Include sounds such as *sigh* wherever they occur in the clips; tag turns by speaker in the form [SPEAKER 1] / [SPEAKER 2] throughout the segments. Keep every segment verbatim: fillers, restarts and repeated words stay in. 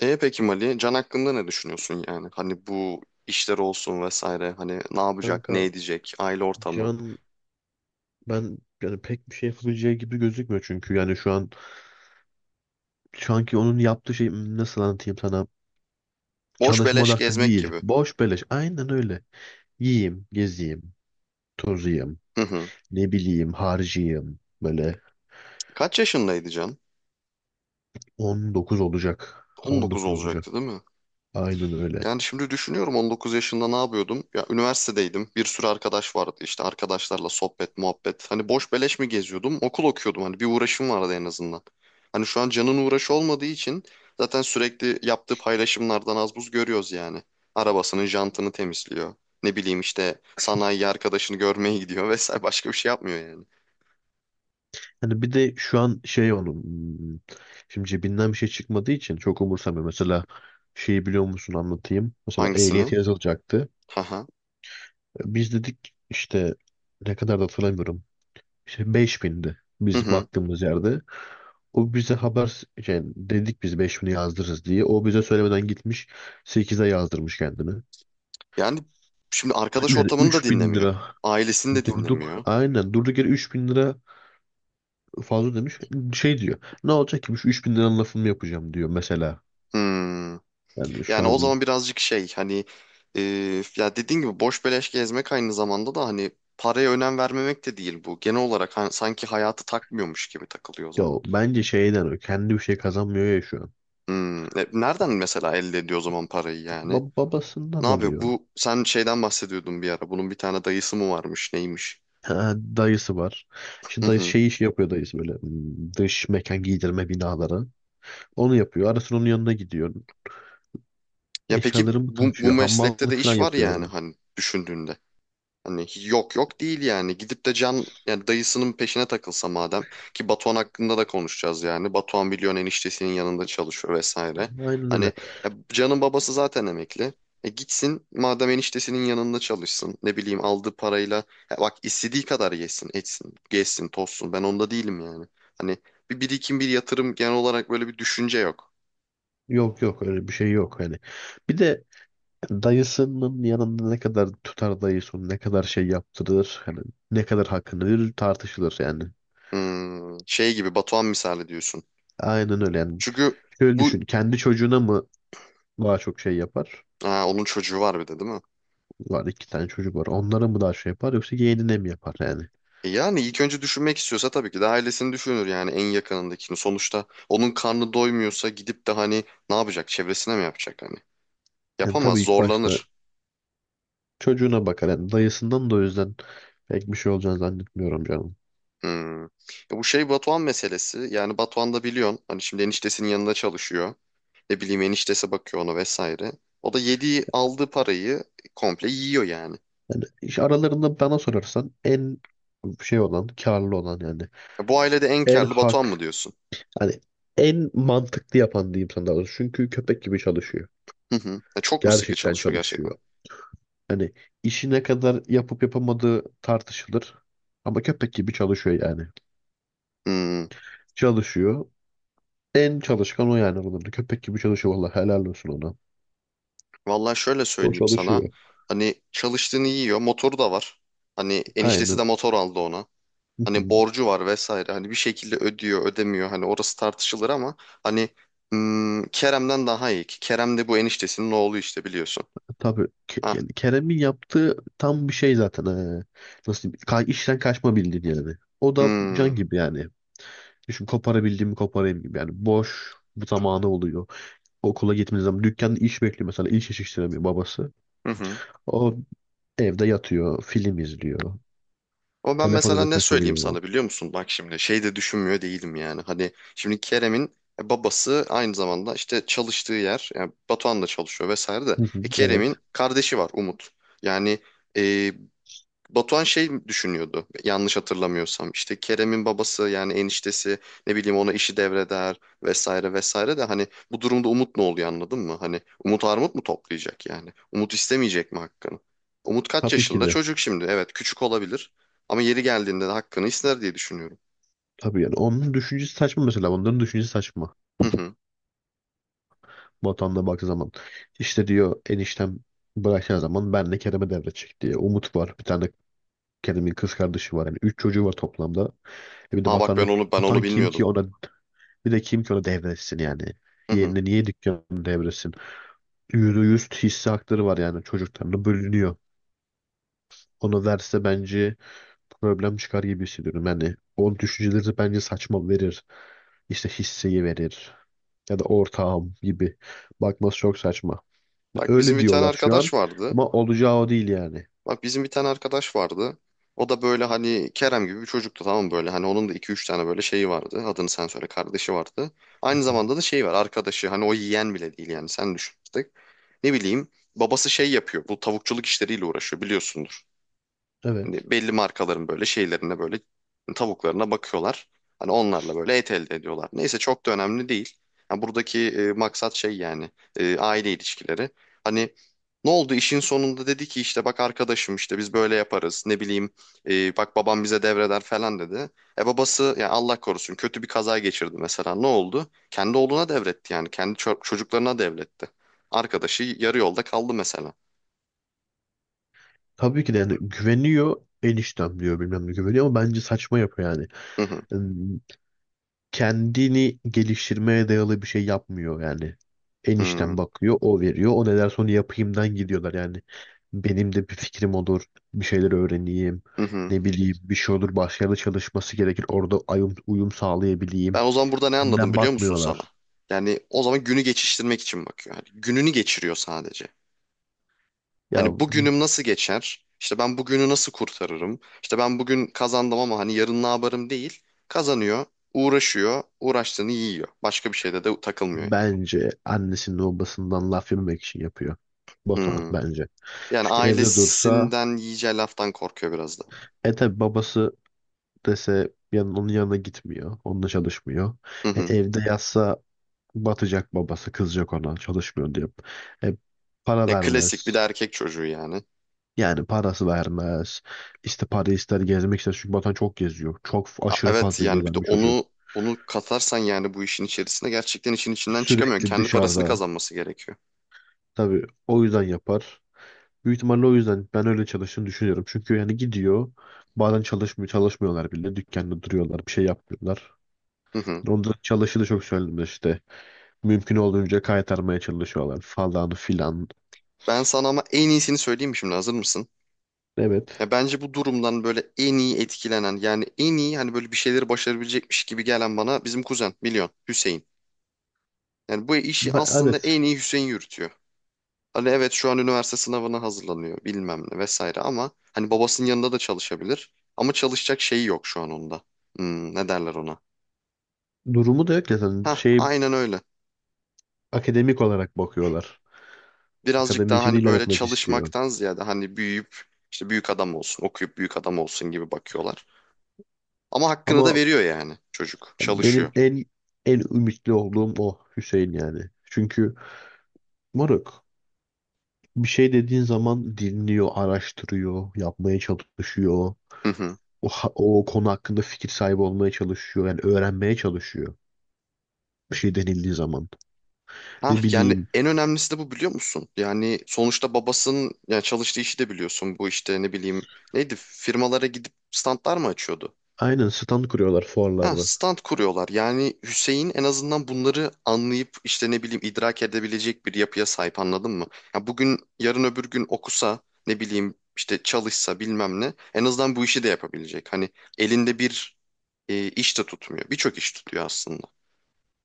[SPEAKER 1] E peki Mali, Can hakkında ne düşünüyorsun yani? Hani bu işler olsun vesaire. Hani ne yapacak,
[SPEAKER 2] Kanka
[SPEAKER 1] ne edecek, aile ortamı.
[SPEAKER 2] Can ben yani pek bir şey yapabileceği gibi gözükmüyor çünkü yani şu an şu anki onun yaptığı şey hmm, nasıl anlatayım sana.
[SPEAKER 1] Boş
[SPEAKER 2] Çalışma
[SPEAKER 1] beleş
[SPEAKER 2] odaklı
[SPEAKER 1] gezmek
[SPEAKER 2] değil,
[SPEAKER 1] gibi.
[SPEAKER 2] boş beleş, aynen öyle. Yiyeyim, geziyim, tozayım,
[SPEAKER 1] Hı hı.
[SPEAKER 2] ne bileyim harcayayım böyle.
[SPEAKER 1] Kaç yaşındaydı Can?
[SPEAKER 2] on dokuz olacak,
[SPEAKER 1] On dokuz
[SPEAKER 2] on dokuz olacak,
[SPEAKER 1] olacaktı değil mi?
[SPEAKER 2] aynen öyle.
[SPEAKER 1] Yani şimdi düşünüyorum on dokuz yaşında ne yapıyordum? Ya üniversitedeydim. Bir sürü arkadaş vardı. İşte arkadaşlarla sohbet, muhabbet. Hani boş beleş mi geziyordum? Okul okuyordum. Hani bir uğraşım vardı en azından. Hani şu an canın uğraşı olmadığı için zaten sürekli yaptığı paylaşımlardan az buz görüyoruz yani. Arabasının jantını temizliyor. Ne bileyim işte sanayi arkadaşını görmeye gidiyor *laughs* vesaire. Başka bir şey yapmıyor yani.
[SPEAKER 2] Hani bir de şu an şey onun, hmm, şimdi cebinden bir şey çıkmadığı için çok umursamıyor mesela. Şeyi biliyor musun, anlatayım mesela, ehliyet
[SPEAKER 1] Hangisini?
[SPEAKER 2] yazılacaktı.
[SPEAKER 1] Haha.
[SPEAKER 2] Biz dedik işte, ne kadar da hatırlamıyorum. İşte beş bindi
[SPEAKER 1] Hı
[SPEAKER 2] biz
[SPEAKER 1] hı.
[SPEAKER 2] baktığımız yerde. O bize haber yani, dedik biz beş bini yazdırırız diye. O bize söylemeden gitmiş, sekize yazdırmış kendini.
[SPEAKER 1] Yani şimdi arkadaş
[SPEAKER 2] Yani
[SPEAKER 1] ortamını da
[SPEAKER 2] üç bin
[SPEAKER 1] dinlemiyor.
[SPEAKER 2] lira
[SPEAKER 1] Ailesini de
[SPEAKER 2] durduk.
[SPEAKER 1] dinlemiyor.
[SPEAKER 2] Aynen durduk yere üç bin lira fazla demiş. Şey diyor. Ne olacak ki bu şu üç bin liranın lafını mı yapacağım diyor mesela.
[SPEAKER 1] Hmm.
[SPEAKER 2] Yani şu
[SPEAKER 1] Yani o
[SPEAKER 2] an
[SPEAKER 1] zaman birazcık şey hani e, ya dediğin gibi boş beleş gezmek aynı zamanda da hani paraya önem vermemek de değil bu. Genel olarak hani sanki hayatı takmıyormuş gibi takılıyor o
[SPEAKER 2] ya
[SPEAKER 1] zaman.
[SPEAKER 2] bence şeyden, o kendi bir şey kazanmıyor ya şu an.
[SPEAKER 1] Hmm, e, Nereden mesela elde ediyor o zaman parayı yani?
[SPEAKER 2] Ba-
[SPEAKER 1] Ne
[SPEAKER 2] babasından
[SPEAKER 1] yapıyor?
[SPEAKER 2] alıyor.
[SPEAKER 1] Bu sen şeyden bahsediyordun bir ara. Bunun bir tane dayısı mı varmış, neymiş?
[SPEAKER 2] Ha, dayısı var. İşte
[SPEAKER 1] Hı
[SPEAKER 2] dayısı
[SPEAKER 1] hı.
[SPEAKER 2] şey işi yapıyor, dayısı böyle, hmm, dış mekan giydirme binaları. Onu yapıyor. Arasın onun yanına gidiyor.
[SPEAKER 1] Ya peki
[SPEAKER 2] Eşyaları mı
[SPEAKER 1] bu, bu
[SPEAKER 2] taşıyor?
[SPEAKER 1] meslekte
[SPEAKER 2] Hamallık
[SPEAKER 1] de
[SPEAKER 2] falan
[SPEAKER 1] iş var
[SPEAKER 2] yapıyor
[SPEAKER 1] yani
[SPEAKER 2] orada.
[SPEAKER 1] hani düşündüğünde. Hani hiç- yok yok değil yani. Gidip de Can yani dayısının peşine takılsa madem ki Batuhan hakkında da konuşacağız yani. Batuhan biliyorsun eniştesinin yanında çalışıyor vesaire.
[SPEAKER 2] Aynen
[SPEAKER 1] Hani
[SPEAKER 2] öyle.
[SPEAKER 1] ya Can'ın babası zaten emekli. E gitsin madem eniştesinin yanında çalışsın. Ne bileyim aldığı parayla ya bak istediği kadar yesin, etsin, gezsin, tozsun. Ben onda değilim yani. Hani bir birikim, bir yatırım genel olarak böyle bir düşünce yok.
[SPEAKER 2] Yok yok, öyle bir şey yok hani. Bir de dayısının yanında ne kadar tutar, dayısı onu ne kadar şey yaptırır, hani ne kadar hakkını verir, tartışılır yani.
[SPEAKER 1] Hmm, şey gibi Batuhan misali diyorsun.
[SPEAKER 2] Aynen öyle yani.
[SPEAKER 1] Çünkü
[SPEAKER 2] Şöyle
[SPEAKER 1] bu
[SPEAKER 2] düşün, kendi çocuğuna mı daha çok şey yapar?
[SPEAKER 1] ha, onun çocuğu var bir de değil mi?
[SPEAKER 2] Var, iki tane çocuk var. Onlara mı daha şey yapar, yoksa yeğenine mi yapar yani?
[SPEAKER 1] E yani ilk önce düşünmek istiyorsa tabii ki de ailesini düşünür yani en yakınındakini. Sonuçta onun karnı doymuyorsa gidip de hani ne yapacak? Çevresine mi yapacak hani?
[SPEAKER 2] Yani
[SPEAKER 1] Yapamaz,
[SPEAKER 2] tabii ilk başta
[SPEAKER 1] zorlanır.
[SPEAKER 2] çocuğuna bakar. Yani dayısından da o yüzden pek bir şey olacağını zannetmiyorum canım.
[SPEAKER 1] Hmm. E bu şey Batuhan meselesi. Yani Batuhan da biliyorsun hani şimdi eniştesinin yanında çalışıyor. Ne bileyim eniştesi bakıyor ona vesaire. O da yediği aldığı parayı komple yiyor yani.
[SPEAKER 2] Yani iş aralarında bana sorarsan en şey olan, karlı olan yani,
[SPEAKER 1] E bu ailede en
[SPEAKER 2] en
[SPEAKER 1] karlı Batuhan mı
[SPEAKER 2] hak,
[SPEAKER 1] diyorsun?
[SPEAKER 2] hani en mantıklı yapan diyeyim sana daha doğrusu. Çünkü köpek gibi çalışıyor.
[SPEAKER 1] Hı hı. E çok mu sıkı
[SPEAKER 2] Gerçekten
[SPEAKER 1] çalışıyor gerçekten?
[SPEAKER 2] çalışıyor. Hani işi ne kadar yapıp yapamadığı tartışılır. Ama köpek gibi çalışıyor yani.
[SPEAKER 1] Hmm.
[SPEAKER 2] Çalışıyor. En çalışkan o yani aralarında. Köpek gibi çalışıyor. Vallahi helal olsun ona.
[SPEAKER 1] Vallahi şöyle
[SPEAKER 2] O
[SPEAKER 1] söyleyeyim sana.
[SPEAKER 2] çalışıyor.
[SPEAKER 1] Hani çalıştığını yiyor. Motoru da var. Hani eniştesi
[SPEAKER 2] Aynen.
[SPEAKER 1] de motor aldı ona. Hani
[SPEAKER 2] *laughs*
[SPEAKER 1] borcu var vesaire. Hani bir şekilde ödüyor, ödemiyor. Hani orası tartışılır ama hani hmm, Kerem'den daha iyi ki. Kerem de bu eniştesinin oğlu işte biliyorsun.
[SPEAKER 2] Tabii Ke-
[SPEAKER 1] Ha.
[SPEAKER 2] yani Kerem'in yaptığı tam bir şey zaten. ee, Nasıl diyeyim? Ka işten kaçma bildin yani. O da
[SPEAKER 1] Hmm.
[SPEAKER 2] can gibi yani. Düşün, koparabildiğimi koparayım gibi yani. Boş bu zamanı oluyor. Okula gitmediği zaman dükkanda iş bekliyor mesela. İş yetiştiremiyor babası.
[SPEAKER 1] Hı hı.
[SPEAKER 2] O evde yatıyor, film izliyor.
[SPEAKER 1] Ama ben mesela
[SPEAKER 2] Telefonuna
[SPEAKER 1] ne söyleyeyim
[SPEAKER 2] takılıyor.
[SPEAKER 1] sana biliyor musun? Bak şimdi şey de düşünmüyor değilim yani. Hani şimdi Kerem'in e, babası aynı zamanda işte çalıştığı yer yani Batuhan da çalışıyor vesaire de.
[SPEAKER 2] Hı hı,
[SPEAKER 1] E, Kerem'in
[SPEAKER 2] evet.
[SPEAKER 1] kardeşi var Umut. Yani e, Batuhan şey düşünüyordu yanlış hatırlamıyorsam işte Kerem'in babası yani eniştesi ne bileyim ona işi devreder vesaire vesaire de hani bu durumda Umut ne oluyor anladın mı? Hani Umut armut mu toplayacak yani? Umut istemeyecek mi hakkını? Umut kaç
[SPEAKER 2] Tabii ki
[SPEAKER 1] yaşında?
[SPEAKER 2] de.
[SPEAKER 1] Çocuk şimdi evet küçük olabilir ama yeri geldiğinde de hakkını ister diye düşünüyorum.
[SPEAKER 2] Tabii yani onun düşüncesi saçma mesela. Onların düşüncesi saçma.
[SPEAKER 1] Hı hı.
[SPEAKER 2] Vatanına baktığı zaman. İşte diyor eniştem, bırakacağı zaman ben de Kerem'e devredecek diye. Umut var. Bir tane kendimin kız kardeşi var yani. Üç çocuğu var toplamda. E bir de
[SPEAKER 1] Aa bak ben
[SPEAKER 2] Batan'ı,
[SPEAKER 1] onu ben onu
[SPEAKER 2] Batan kim
[SPEAKER 1] bilmiyordum.
[SPEAKER 2] ki ona, bir de kim ki ona devretsin yani?
[SPEAKER 1] Hı hı.
[SPEAKER 2] Yerine niye dükkanı devretsin? Yüzde yüz hisse hakları var, yani çocuklarına bölünüyor. Onu verse bence problem çıkar gibi hissediyorum. Yani onun düşünceleri de bence saçma, verir. İşte hisseyi verir. Ya da ortağım gibi. Bakması çok saçma.
[SPEAKER 1] Bak bizim
[SPEAKER 2] Öyle
[SPEAKER 1] bir tane
[SPEAKER 2] diyorlar şu an.
[SPEAKER 1] arkadaş vardı.
[SPEAKER 2] Ama olacağı o değil yani.
[SPEAKER 1] Bak bizim bir tane arkadaş vardı. O da böyle hani Kerem gibi bir çocuktu, tamam mı? Böyle hani onun da iki üç tane böyle şeyi vardı. Adını sen söyle kardeşi vardı. Aynı zamanda da şey var arkadaşı hani o yiyen bile değil yani sen düşün artık. Ne bileyim babası şey yapıyor bu tavukçuluk işleriyle uğraşıyor biliyorsundur.
[SPEAKER 2] Evet.
[SPEAKER 1] Hani belli markaların böyle şeylerine böyle tavuklarına bakıyorlar. Hani onlarla böyle et elde ediyorlar. Neyse çok da önemli değil. Yani buradaki e, maksat şey yani e, aile ilişkileri. Hani ne oldu işin sonunda dedi ki işte bak arkadaşım işte biz böyle yaparız ne bileyim e, bak babam bize devreder falan dedi. E babası yani Allah korusun kötü bir kaza geçirdi mesela ne oldu? Kendi oğluna devretti yani kendi ço- çocuklarına devretti. Arkadaşı yarı yolda kaldı mesela.
[SPEAKER 2] Tabii ki de, yani güveniyor, eniştem diyor bilmem ne, güveniyor ama bence saçma yapıyor yani.
[SPEAKER 1] Hı hı.
[SPEAKER 2] ım, Kendini geliştirmeye dayalı bir şey yapmıyor yani.
[SPEAKER 1] Hı hı.
[SPEAKER 2] Enişten bakıyor, o veriyor. O ne derse onu yapayımdan gidiyorlar yani. Benim de bir fikrim olur, bir şeyler öğreneyim,
[SPEAKER 1] Hı hı.
[SPEAKER 2] ne bileyim bir şey olur, başka yerde çalışması gerekir. Orada uyum, uyum sağlayabileyim.
[SPEAKER 1] Ben o zaman burada ne anladım
[SPEAKER 2] Sinden
[SPEAKER 1] biliyor musun sana?
[SPEAKER 2] bakmıyorlar.
[SPEAKER 1] Yani o zaman günü geçiştirmek için bakıyor. Hani gününü geçiriyor sadece.
[SPEAKER 2] Ya
[SPEAKER 1] Hani bugünüm nasıl geçer? İşte ben bugünü nasıl kurtarırım? İşte ben bugün kazandım ama hani yarın ne yaparım değil. Kazanıyor, uğraşıyor, uğraştığını yiyor. Başka bir şeyde de takılmıyor yani.
[SPEAKER 2] bence annesinin babasından laf yememek için yapıyor. Batuhan
[SPEAKER 1] Hmm.
[SPEAKER 2] bence.
[SPEAKER 1] Yani
[SPEAKER 2] Çünkü evde dursa,
[SPEAKER 1] ailesinden yiyeceği laftan korkuyor biraz da.
[SPEAKER 2] e tabi babası dese, yan, onun yanına gitmiyor. Onunla çalışmıyor.
[SPEAKER 1] Hı
[SPEAKER 2] E,
[SPEAKER 1] hı.
[SPEAKER 2] evde yatsa batacak, babası kızacak ona, çalışmıyor diye. E, para
[SPEAKER 1] Ya klasik bir de
[SPEAKER 2] vermez.
[SPEAKER 1] erkek çocuğu yani.
[SPEAKER 2] Yani parası vermez. İşte para ister, gezmek ister. Çünkü Batuhan çok geziyor. Çok f-
[SPEAKER 1] A-
[SPEAKER 2] aşırı
[SPEAKER 1] Evet
[SPEAKER 2] fazla
[SPEAKER 1] yani bir de
[SPEAKER 2] gezen bir çocuk.
[SPEAKER 1] onu onu katarsan yani bu işin içerisine gerçekten işin içinden çıkamıyor.
[SPEAKER 2] Sürekli
[SPEAKER 1] Kendi parasını
[SPEAKER 2] dışarıda.
[SPEAKER 1] kazanması gerekiyor.
[SPEAKER 2] Tabii o yüzden yapar. Büyük ihtimalle o yüzden ben öyle çalıştığını düşünüyorum. Çünkü yani gidiyor. Bazen çalışmıyor, çalışmıyorlar bile. Dükkanda duruyorlar. Bir şey yapmıyorlar.
[SPEAKER 1] Hı hı.
[SPEAKER 2] Onların çalışı da çok söylenir işte. Mümkün olduğunca kaytarmaya çalışıyorlar falan filan.
[SPEAKER 1] Ben sana ama en iyisini söyleyeyim mi şimdi hazır mısın?
[SPEAKER 2] Evet.
[SPEAKER 1] Ya bence bu durumdan böyle en iyi etkilenen yani en iyi hani böyle bir şeyleri başarabilecekmiş gibi gelen bana bizim kuzen biliyorsun Hüseyin. Yani bu işi
[SPEAKER 2] Ba-
[SPEAKER 1] aslında
[SPEAKER 2] evet.
[SPEAKER 1] en iyi Hüseyin yürütüyor. Hani evet şu an üniversite sınavına hazırlanıyor bilmem ne vesaire ama hani babasının yanında da çalışabilir. Ama çalışacak şeyi yok şu an onda. Hmm, ne derler ona?
[SPEAKER 2] Durumu da yok ya zaten.
[SPEAKER 1] Hah
[SPEAKER 2] Şey,
[SPEAKER 1] aynen öyle.
[SPEAKER 2] akademik olarak bakıyorlar.
[SPEAKER 1] Birazcık daha
[SPEAKER 2] Akademisini
[SPEAKER 1] hani böyle
[SPEAKER 2] ilerletmek istiyor.
[SPEAKER 1] çalışmaktan ziyade hani büyüyüp işte büyük adam olsun okuyup büyük adam olsun gibi bakıyorlar. Ama hakkını da
[SPEAKER 2] Ama
[SPEAKER 1] veriyor yani çocuk. Çalışıyor.
[SPEAKER 2] benim en en ümitli olduğum o Hüseyin yani. Çünkü moruk, bir şey dediğin zaman dinliyor, araştırıyor, yapmaya çalışıyor.
[SPEAKER 1] Hı hı.
[SPEAKER 2] O, ha- o konu hakkında fikir sahibi olmaya çalışıyor. Yani öğrenmeye çalışıyor. Bir şey denildiği zaman.
[SPEAKER 1] Hah
[SPEAKER 2] Ne
[SPEAKER 1] yani
[SPEAKER 2] bileyim.
[SPEAKER 1] en önemlisi de bu biliyor musun? Yani sonuçta babasının yani çalıştığı işi de biliyorsun. Bu işte ne bileyim neydi firmalara gidip standlar mı açıyordu?
[SPEAKER 2] Aynen, stand kuruyorlar
[SPEAKER 1] Ha,
[SPEAKER 2] fuarlarda.
[SPEAKER 1] stand kuruyorlar. Yani Hüseyin en azından bunları anlayıp işte ne bileyim idrak edebilecek bir yapıya sahip anladın mı? Ya bugün yarın öbür gün okusa ne bileyim işte çalışsa bilmem ne en azından bu işi de yapabilecek. Hani elinde bir e, iş de tutmuyor. Birçok iş tutuyor aslında.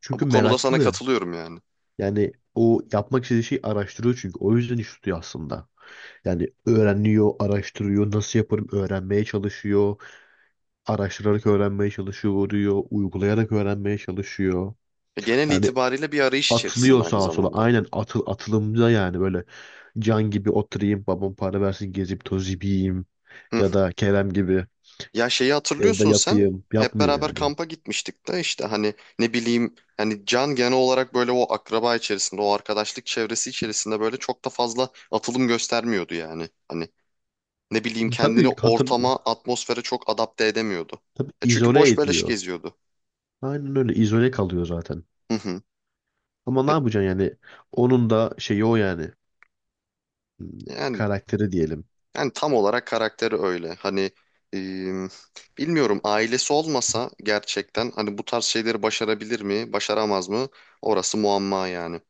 [SPEAKER 2] Çünkü
[SPEAKER 1] Bu konuda sana
[SPEAKER 2] meraklı.
[SPEAKER 1] katılıyorum yani.
[SPEAKER 2] Yani o yapmak istediği şeyi araştırıyor çünkü. O yüzden iş tutuyor aslında. Yani öğreniyor, araştırıyor, nasıl yaparım öğrenmeye çalışıyor. Araştırarak öğrenmeye çalışıyor, diyor, uygulayarak öğrenmeye çalışıyor.
[SPEAKER 1] E, genel
[SPEAKER 2] Yani
[SPEAKER 1] itibariyle bir arayış içerisinde
[SPEAKER 2] atılıyor
[SPEAKER 1] aynı
[SPEAKER 2] sağa sola.
[SPEAKER 1] zamanda.
[SPEAKER 2] Aynen atıl atılımda yani, böyle can gibi oturayım, babam para versin, gezip tozip yiyeyim.
[SPEAKER 1] Hı.
[SPEAKER 2] Ya da Kerem gibi
[SPEAKER 1] Ya şeyi
[SPEAKER 2] evde
[SPEAKER 1] hatırlıyorsun sen.
[SPEAKER 2] yatayım.
[SPEAKER 1] Hep
[SPEAKER 2] Yapmıyor
[SPEAKER 1] beraber
[SPEAKER 2] yani.
[SPEAKER 1] kampa gitmiştik de işte hani ne bileyim yani Can genel olarak böyle o akraba içerisinde o arkadaşlık çevresi içerisinde böyle çok da fazla atılım göstermiyordu yani. Hani ne bileyim kendini
[SPEAKER 2] Tabii hatır,
[SPEAKER 1] ortama atmosfere çok adapte edemiyordu.
[SPEAKER 2] tabii
[SPEAKER 1] E çünkü
[SPEAKER 2] izole
[SPEAKER 1] boş beleş
[SPEAKER 2] ediyor.
[SPEAKER 1] geziyordu.
[SPEAKER 2] Aynen öyle, izole kalıyor zaten.
[SPEAKER 1] Hı hı.
[SPEAKER 2] Ama ne
[SPEAKER 1] E,
[SPEAKER 2] yapacaksın yani? Onun da şeyi o yani. Hmm,
[SPEAKER 1] Yani
[SPEAKER 2] Karakteri diyelim.
[SPEAKER 1] Yani tam olarak karakteri öyle. Hani e, bilmiyorum ailesi olmasa gerçekten hani bu tarz şeyleri başarabilir mi, başaramaz mı? Orası muamma yani.